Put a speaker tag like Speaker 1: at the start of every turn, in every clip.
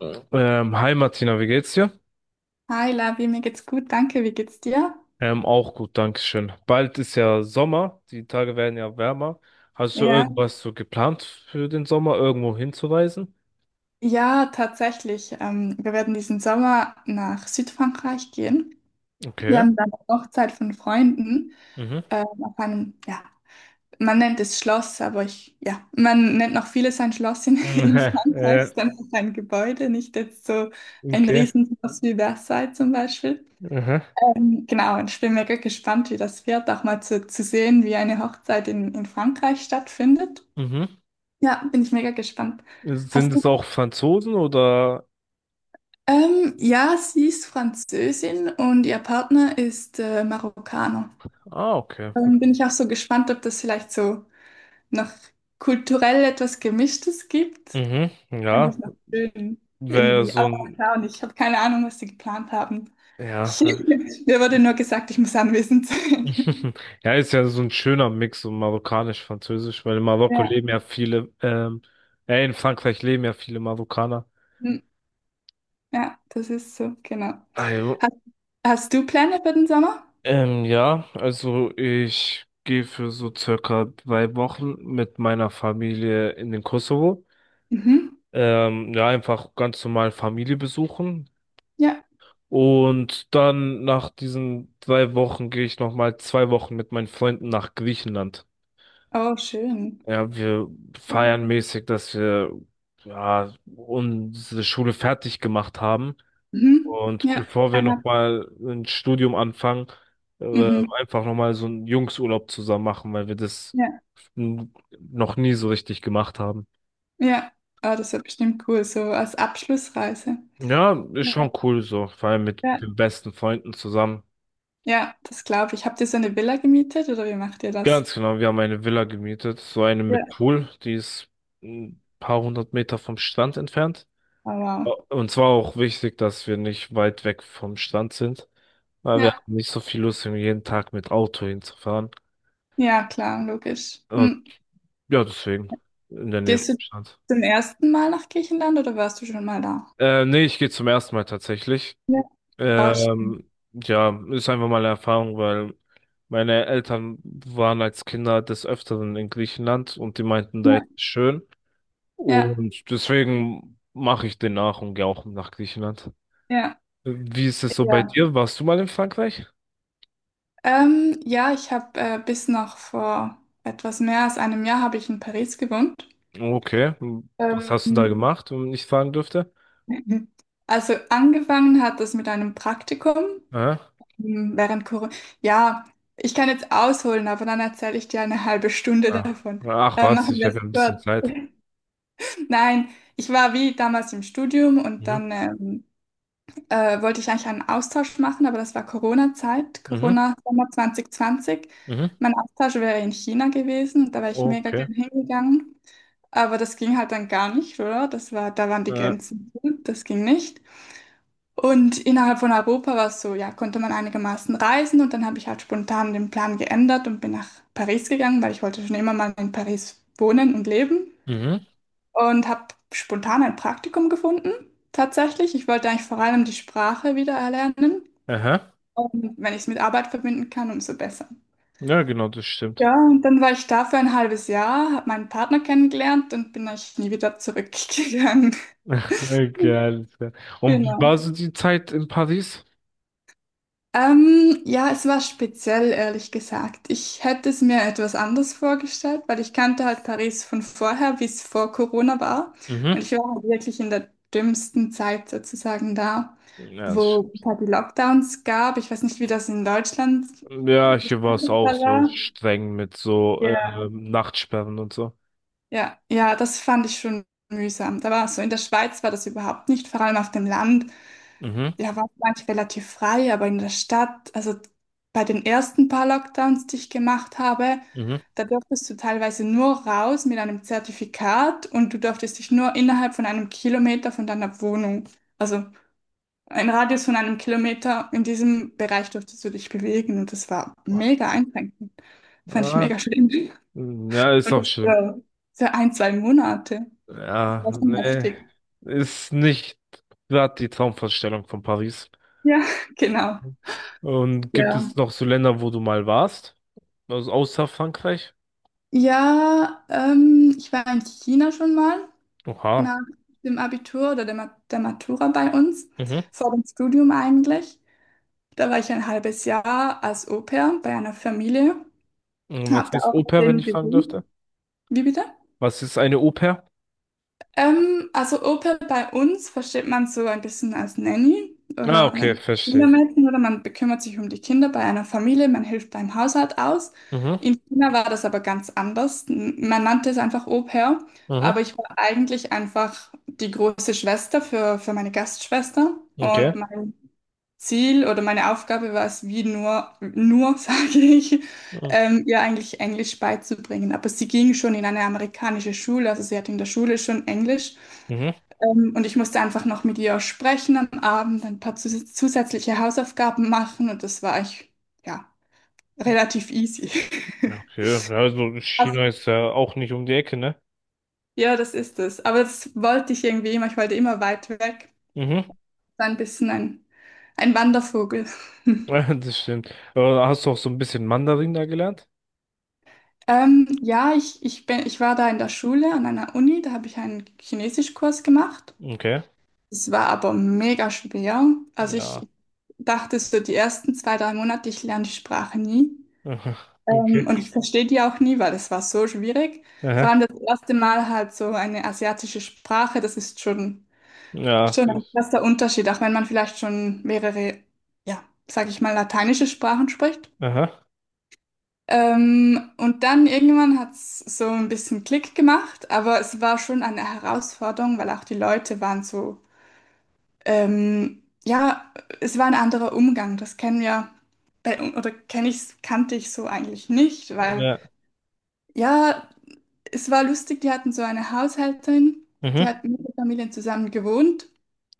Speaker 1: Mhm. Hi Martina, wie geht's dir?
Speaker 2: Hi Lavi, mir geht's gut, danke. Wie geht's dir?
Speaker 1: Auch gut, Dankeschön. Bald ist ja Sommer, die Tage werden ja wärmer. Hast du
Speaker 2: Ja.
Speaker 1: irgendwas so geplant für den Sommer, irgendwo hinzureisen?
Speaker 2: Ja, tatsächlich. Wir werden diesen Sommer nach Südfrankreich gehen. Wir
Speaker 1: Okay.
Speaker 2: haben da eine Hochzeit von Freunden
Speaker 1: Mhm.
Speaker 2: auf einem, ja, man nennt es Schloss, aber ich, ja, man nennt noch vieles ein Schloss in, in
Speaker 1: Mhm.
Speaker 2: Frankreich,
Speaker 1: Äh,
Speaker 2: ist einfach ein Gebäude, nicht jetzt so ein
Speaker 1: okay.
Speaker 2: Riesenschloss wie Versailles zum Beispiel.
Speaker 1: Mhm.
Speaker 2: Genau, und ich bin mega gespannt, wie das wird, auch mal zu sehen, wie eine Hochzeit in Frankreich stattfindet.
Speaker 1: Mhm.
Speaker 2: Ja, bin ich mega gespannt.
Speaker 1: Sind
Speaker 2: Hast du?
Speaker 1: es auch Franzosen oder?
Speaker 2: Ja, sie ist Französin und ihr Partner ist Marokkaner.
Speaker 1: Ah, okay.
Speaker 2: Bin ich auch so gespannt, ob das vielleicht so noch kulturell etwas Gemischtes gibt.
Speaker 1: Mhm.
Speaker 2: Fand ich
Speaker 1: Ja,
Speaker 2: noch schön
Speaker 1: wäre
Speaker 2: irgendwie.
Speaker 1: so
Speaker 2: Aber mal
Speaker 1: ein,
Speaker 2: schauen, ich habe keine Ahnung, was sie geplant haben.
Speaker 1: ja.
Speaker 2: Ich, mir wurde nur gesagt, ich muss anwesend sein.
Speaker 1: Ja, ist ja so ein schöner Mix, so marokkanisch-französisch, weil in Marokko
Speaker 2: Ja,
Speaker 1: leben ja viele, in Frankreich leben ja viele Marokkaner.
Speaker 2: hm, ja, das ist so, genau.
Speaker 1: Also,
Speaker 2: Hast, hast du Pläne für den Sommer?
Speaker 1: ja, also ich gehe für so circa drei Wochen mit meiner Familie in den Kosovo.
Speaker 2: Mhm.
Speaker 1: Ja, einfach ganz normal Familie besuchen.
Speaker 2: Ja,
Speaker 1: Und dann nach diesen drei Wochen gehe ich nochmal zwei Wochen mit meinen Freunden nach Griechenland.
Speaker 2: oh, schön.
Speaker 1: Ja, wir feiern mäßig, dass wir ja, unsere Schule fertig gemacht haben.
Speaker 2: Mhm.
Speaker 1: Und
Speaker 2: Ja,
Speaker 1: bevor wir
Speaker 2: Einer,
Speaker 1: nochmal ein Studium anfangen, äh,
Speaker 2: mhm,
Speaker 1: einfach nochmal so einen Jungsurlaub zusammen machen, weil wir das
Speaker 2: ja.
Speaker 1: n- noch nie so richtig gemacht haben.
Speaker 2: Ja, ah, das wird bestimmt cool, so als Abschlussreise.
Speaker 1: Ja, ist
Speaker 2: Ja,
Speaker 1: schon cool so, vor allem mit
Speaker 2: ja.
Speaker 1: den besten Freunden zusammen.
Speaker 2: Ja, das glaube ich. Habt ihr so eine Villa gemietet oder wie macht ihr das?
Speaker 1: Ganz genau, wir haben eine Villa gemietet, so eine
Speaker 2: Ja.
Speaker 1: mit Pool, die ist ein paar hundert Meter vom Strand entfernt.
Speaker 2: Aber
Speaker 1: Und zwar auch wichtig, dass wir nicht weit weg vom Strand sind, weil wir
Speaker 2: ja,
Speaker 1: haben nicht so viel Lust, irgendwie jeden Tag mit Auto hinzufahren.
Speaker 2: ja, klar, logisch.
Speaker 1: Und
Speaker 2: Mhm.
Speaker 1: ja, deswegen in der Nähe
Speaker 2: Gehst
Speaker 1: vom
Speaker 2: du
Speaker 1: Strand.
Speaker 2: zum ersten Mal nach Griechenland oder warst du schon mal da?
Speaker 1: Nee, ich gehe zum ersten Mal tatsächlich.
Speaker 2: Ja, ah,
Speaker 1: Ja, ist einfach mal eine Erfahrung, weil meine Eltern waren als Kinder des Öfteren in Griechenland und die meinten, da
Speaker 2: ja.
Speaker 1: ist es schön.
Speaker 2: Ja,
Speaker 1: Und deswegen mache ich den nach und gehe auch nach Griechenland.
Speaker 2: ja.
Speaker 1: Wie ist es so bei
Speaker 2: Ja.
Speaker 1: dir? Warst du mal in Frankreich?
Speaker 2: Ja, ich habe bis noch vor etwas mehr als einem Jahr habe ich in Paris gewohnt.
Speaker 1: Okay, was
Speaker 2: Ähm,
Speaker 1: hast du da gemacht, wenn ich fragen dürfte?
Speaker 2: mhm. Also angefangen hat das mit einem Praktikum
Speaker 1: Aha.
Speaker 2: während Corona. Ja, ich kann jetzt ausholen, aber dann erzähle ich dir eine halbe Stunde
Speaker 1: Ah.
Speaker 2: davon.
Speaker 1: Ach was,
Speaker 2: Machen
Speaker 1: ich
Speaker 2: wir
Speaker 1: habe
Speaker 2: es
Speaker 1: ja ein bisschen
Speaker 2: kurz.
Speaker 1: Zeit.
Speaker 2: Nein, ich war wie damals im Studium und
Speaker 1: Mhm.
Speaker 2: dann wollte ich eigentlich einen Austausch machen, aber das war Corona-Zeit,
Speaker 1: Mhm.
Speaker 2: Corona-Sommer 2020.
Speaker 1: Mhm.
Speaker 2: Mein Austausch wäre in China gewesen, und da wäre ich mega
Speaker 1: Okay.
Speaker 2: gern hingegangen. Aber das ging halt dann gar nicht, oder? Das war, da waren die
Speaker 1: Äh,
Speaker 2: Grenzen zu, das ging nicht. Und innerhalb von Europa war es so, ja, konnte man einigermaßen reisen und dann habe ich halt spontan den Plan geändert und bin nach Paris gegangen, weil ich wollte schon immer mal in Paris wohnen und leben
Speaker 1: mhm.
Speaker 2: und habe spontan ein Praktikum gefunden, tatsächlich. Ich wollte eigentlich vor allem die Sprache wieder erlernen
Speaker 1: Aha.
Speaker 2: und wenn ich es mit Arbeit verbinden kann, umso besser.
Speaker 1: Ja, genau, das stimmt.
Speaker 2: Ja, und dann war ich da für ein halbes Jahr, habe meinen Partner kennengelernt und bin eigentlich nie wieder zurückgegangen.
Speaker 1: Geil, geil. Und wie
Speaker 2: Genau.
Speaker 1: war so die Zeit in Paris?
Speaker 2: Ja, es war speziell, ehrlich gesagt. Ich hätte es mir etwas anders vorgestellt, weil ich kannte halt Paris von vorher, wie es vor Corona war.
Speaker 1: Mhm.
Speaker 2: Und ich war halt wirklich in der dümmsten Zeit sozusagen da,
Speaker 1: Ja, das
Speaker 2: wo es
Speaker 1: stimmt.
Speaker 2: halt die Lockdowns gab. Ich weiß nicht, wie das in Deutschland
Speaker 1: Ja, hier war es
Speaker 2: gestaltet
Speaker 1: auch so
Speaker 2: war.
Speaker 1: streng mit so
Speaker 2: Ja.
Speaker 1: Nachtsperren und so.
Speaker 2: Ja, ja, das fand ich schon mühsam. Da war so, in der Schweiz war das überhaupt nicht, vor allem auf dem Land.
Speaker 1: Mhm.
Speaker 2: Ja, war manchmal relativ frei, aber in der Stadt, also bei den ersten paar Lockdowns, die ich gemacht habe,
Speaker 1: Mhm.
Speaker 2: da durftest du teilweise nur raus mit einem Zertifikat und du durftest dich nur innerhalb von einem Kilometer von deiner Wohnung, also ein Radius von einem Kilometer, in diesem Bereich durftest du dich bewegen und das war mega einschränkend. Fand ich
Speaker 1: Ah,
Speaker 2: mega schlimm.
Speaker 1: ja, ist
Speaker 2: Und
Speaker 1: auch
Speaker 2: das
Speaker 1: schlimm.
Speaker 2: für, ein, zwei Monate. Das
Speaker 1: Ja,
Speaker 2: war schon
Speaker 1: nee,
Speaker 2: heftig.
Speaker 1: ist nicht gerade die Traumvorstellung von Paris.
Speaker 2: Ja, genau.
Speaker 1: Und gibt
Speaker 2: Ja.
Speaker 1: es noch so Länder, wo du mal warst? Also außer Frankreich?
Speaker 2: Ja, ich war in China schon mal.
Speaker 1: Oha.
Speaker 2: Nach dem Abitur oder der Matura bei uns,
Speaker 1: Mhm.
Speaker 2: vor dem Studium eigentlich. Da war ich ein halbes Jahr als Au-pair bei einer Familie,
Speaker 1: Und was
Speaker 2: habe da
Speaker 1: ist
Speaker 2: auch mit
Speaker 1: Au-pair, wenn
Speaker 2: denen
Speaker 1: ich fragen dürfte?
Speaker 2: gewohnt. Wie bitte?
Speaker 1: Was ist eine Au-pair?
Speaker 2: Also Opa bei uns versteht man so ein bisschen als Nanny
Speaker 1: Ah,
Speaker 2: oder als
Speaker 1: okay,
Speaker 2: ein
Speaker 1: verstehe ich.
Speaker 2: Kindermädchen oder man bekümmert sich um die Kinder bei einer Familie, man hilft beim Haushalt aus.
Speaker 1: Mhm.
Speaker 2: In China war das aber ganz anders. Man nannte es einfach Au-pair,
Speaker 1: Mhm.
Speaker 2: aber ich war eigentlich einfach die große Schwester für meine Gastschwester
Speaker 1: Okay.
Speaker 2: und mein Ziel oder meine Aufgabe war es, wie nur sage ich,
Speaker 1: Mhm.
Speaker 2: ihr eigentlich Englisch beizubringen. Aber sie ging schon in eine amerikanische Schule, also sie hat in der Schule schon Englisch.
Speaker 1: Mhm.
Speaker 2: Und ich musste einfach noch mit ihr sprechen am Abend, ein paar zusätzliche Hausaufgaben machen und das war ich, ja, relativ easy.
Speaker 1: Okay, ja, also
Speaker 2: Also,
Speaker 1: China ist ja auch nicht um die Ecke, ne?
Speaker 2: ja, das ist es. Aber das wollte ich irgendwie immer. Ich wollte immer weit weg.
Speaker 1: Mhm.
Speaker 2: So ein bisschen ein Wandervogel.
Speaker 1: Ja, das stimmt. Aber hast du auch so ein bisschen Mandarin da gelernt?
Speaker 2: Ja, ich war da in der Schule an einer Uni, da habe ich einen Chinesischkurs gemacht.
Speaker 1: Okay.
Speaker 2: Es war aber mega schwer. Also
Speaker 1: Ja.
Speaker 2: ich dachte so, die ersten zwei, drei Monate, ich lerne die Sprache nie.
Speaker 1: Aha. Okay.
Speaker 2: Und ich verstehe die auch nie, weil das war so schwierig. Vor
Speaker 1: Aha.
Speaker 2: allem das erste Mal halt so eine asiatische Sprache, das ist
Speaker 1: Ja, es
Speaker 2: schon ein
Speaker 1: ist.
Speaker 2: krasser Unterschied, auch wenn man vielleicht schon mehrere, ja, sag ich mal, lateinische Sprachen spricht.
Speaker 1: Aha.
Speaker 2: Und dann irgendwann hat es so ein bisschen Klick gemacht, aber es war schon eine Herausforderung, weil auch die Leute waren so, ja, es war ein anderer Umgang, das kennen wir, kannte ich so eigentlich nicht, weil.
Speaker 1: Ja.
Speaker 2: Ja, es war lustig, die hatten so eine Haushälterin, die
Speaker 1: Mhm.
Speaker 2: hat mit der Familie zusammen gewohnt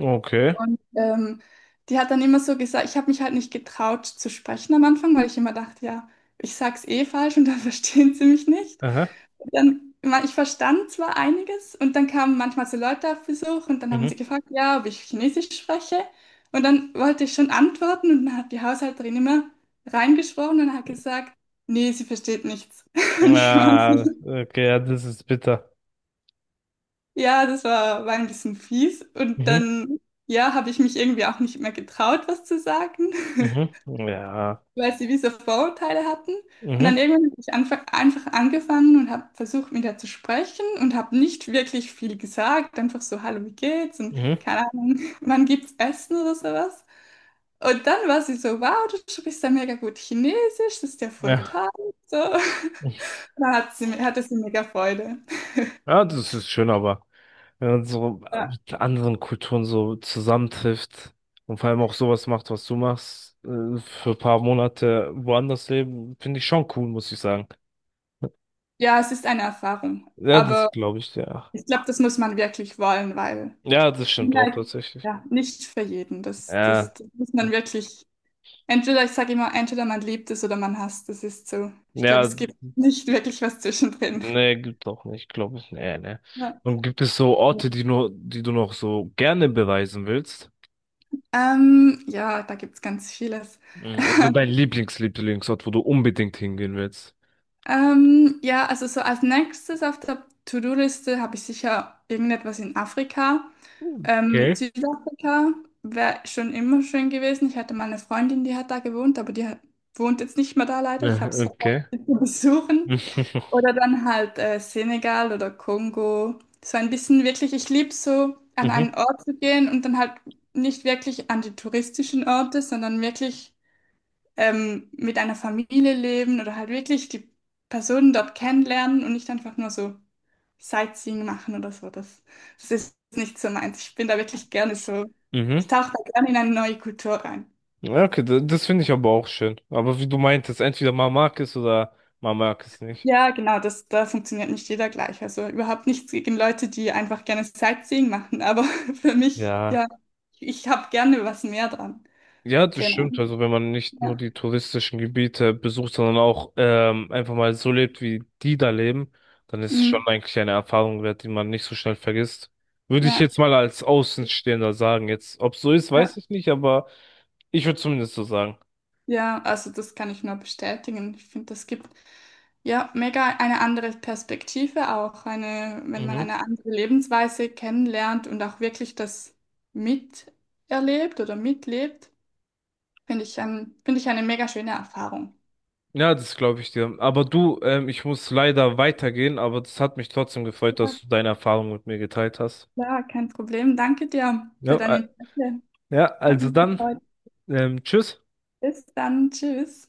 Speaker 1: Okay.
Speaker 2: und die hat dann immer so gesagt, ich habe mich halt nicht getraut zu sprechen am Anfang, weil ich immer dachte, ja, ich sag's eh falsch und dann verstehen sie mich nicht.
Speaker 1: Aha.
Speaker 2: Und dann, ich verstand zwar einiges und dann kamen manchmal so Leute auf Besuch und dann haben sie
Speaker 1: Mhm.
Speaker 2: gefragt, ja, ob ich Chinesisch spreche und dann wollte ich schon antworten und dann hat die Haushälterin immer reingesprochen und hat gesagt, nee, sie versteht nichts. Und ich war
Speaker 1: Ja,
Speaker 2: so,
Speaker 1: okay, ja, das ist bitter.
Speaker 2: ja, das war, war ein bisschen fies. Und
Speaker 1: Mhm.
Speaker 2: dann, ja, habe ich mich irgendwie auch nicht mehr getraut, was zu sagen,
Speaker 1: Mhm. Ja.
Speaker 2: weil sie diese Vorurteile hatten. Und dann
Speaker 1: Mhm.
Speaker 2: irgendwann habe ich einfach angefangen und habe versucht, mit ihr zu sprechen und habe nicht wirklich viel gesagt. Einfach so, hallo, wie geht's? Und
Speaker 1: Mhm.
Speaker 2: keine Ahnung, wann gibt's Essen oder sowas. Und dann war sie so, wow, du sprichst ja mega gut Chinesisch, das ist ja voll
Speaker 1: Ja.
Speaker 2: toll. So. Da hat hatte sie mega Freude.
Speaker 1: Ja, das ist schön, aber wenn man so
Speaker 2: Ja.
Speaker 1: mit anderen Kulturen so zusammentrifft und vor allem auch sowas macht, was du machst, für ein paar Monate woanders leben, finde ich schon cool, muss ich sagen.
Speaker 2: Ja, es ist eine Erfahrung.
Speaker 1: Ja,
Speaker 2: Aber
Speaker 1: das glaube ich, ja.
Speaker 2: ich glaube, das muss man wirklich wollen, weil
Speaker 1: Ja, das stimmt auch
Speaker 2: China
Speaker 1: tatsächlich.
Speaker 2: ja nicht für jeden. Das, das,
Speaker 1: Ja.
Speaker 2: das muss man wirklich, entweder, ich sage immer, entweder man liebt es oder man hasst es, ist so. Ich glaube,
Speaker 1: Ja,
Speaker 2: es gibt nicht wirklich was zwischendrin.
Speaker 1: nee, gibt auch nicht, glaube ich. Nee, nee.
Speaker 2: Ja,
Speaker 1: Und gibt es so Orte, die nur, die du noch so gerne bereisen willst?
Speaker 2: ja da gibt es ganz vieles.
Speaker 1: Mhm, also dein Lieblingsort, wo du unbedingt hingehen willst.
Speaker 2: Ja, also so als nächstes auf der To-Do-Liste habe ich sicher irgendetwas in Afrika.
Speaker 1: Okay.
Speaker 2: Südafrika wäre schon immer schön gewesen. Ich hatte mal eine Freundin, die hat da gewohnt, aber die hat, wohnt jetzt nicht mehr da leider. Ich
Speaker 1: Ja,
Speaker 2: habe es verpasst,
Speaker 1: okay.
Speaker 2: sie zu besuchen. Oder dann halt Senegal oder Kongo. So ein bisschen wirklich, ich liebe so, an einen
Speaker 1: Mhm,
Speaker 2: Ort zu gehen und dann halt nicht wirklich an die touristischen Orte, sondern wirklich mit einer Familie leben oder halt wirklich die Personen dort kennenlernen und nicht einfach nur so Sightseeing machen oder so. Das ist nicht so meins. Ich bin da wirklich gerne so,
Speaker 1: mhm.
Speaker 2: ich tauche da gerne in eine neue Kultur rein.
Speaker 1: Ja, okay, das finde ich aber auch schön. Aber wie du meintest, entweder man mag es oder man mag es nicht.
Speaker 2: Ja, genau, das, da funktioniert nicht jeder gleich. Also überhaupt nichts gegen Leute, die einfach gerne Sightseeing machen, aber für mich,
Speaker 1: Ja.
Speaker 2: ja, ich habe gerne was mehr dran.
Speaker 1: Ja, das
Speaker 2: Genau.
Speaker 1: stimmt. Also wenn man nicht nur
Speaker 2: Ja.
Speaker 1: die touristischen Gebiete besucht, sondern auch einfach mal so lebt, wie die da leben, dann ist es
Speaker 2: Mm,
Speaker 1: schon eigentlich eine Erfahrung wert, die man nicht so schnell vergisst. Würde ich
Speaker 2: ja.
Speaker 1: jetzt mal als Außenstehender sagen. Jetzt, ob es so ist, weiß
Speaker 2: Ja,
Speaker 1: ich nicht, aber ich würde zumindest so sagen.
Speaker 2: ja, also das kann ich nur bestätigen. Ich finde, das gibt ja, mega eine andere Perspektive auch, eine, wenn man
Speaker 1: Mhm.
Speaker 2: eine andere Lebensweise kennenlernt und auch wirklich das miterlebt oder mitlebt, finde ich eine mega schöne Erfahrung.
Speaker 1: Ja, das glaube ich dir. Aber du, ich muss leider weitergehen, aber das hat mich trotzdem gefreut, dass
Speaker 2: Ja,
Speaker 1: du deine Erfahrung mit mir geteilt hast.
Speaker 2: klar, kein Problem. Danke dir
Speaker 1: Ja,
Speaker 2: für dein Interesse.
Speaker 1: ja,
Speaker 2: Hat
Speaker 1: also
Speaker 2: mich
Speaker 1: dann,
Speaker 2: gefreut.
Speaker 1: tschüss.
Speaker 2: Bis dann. Tschüss.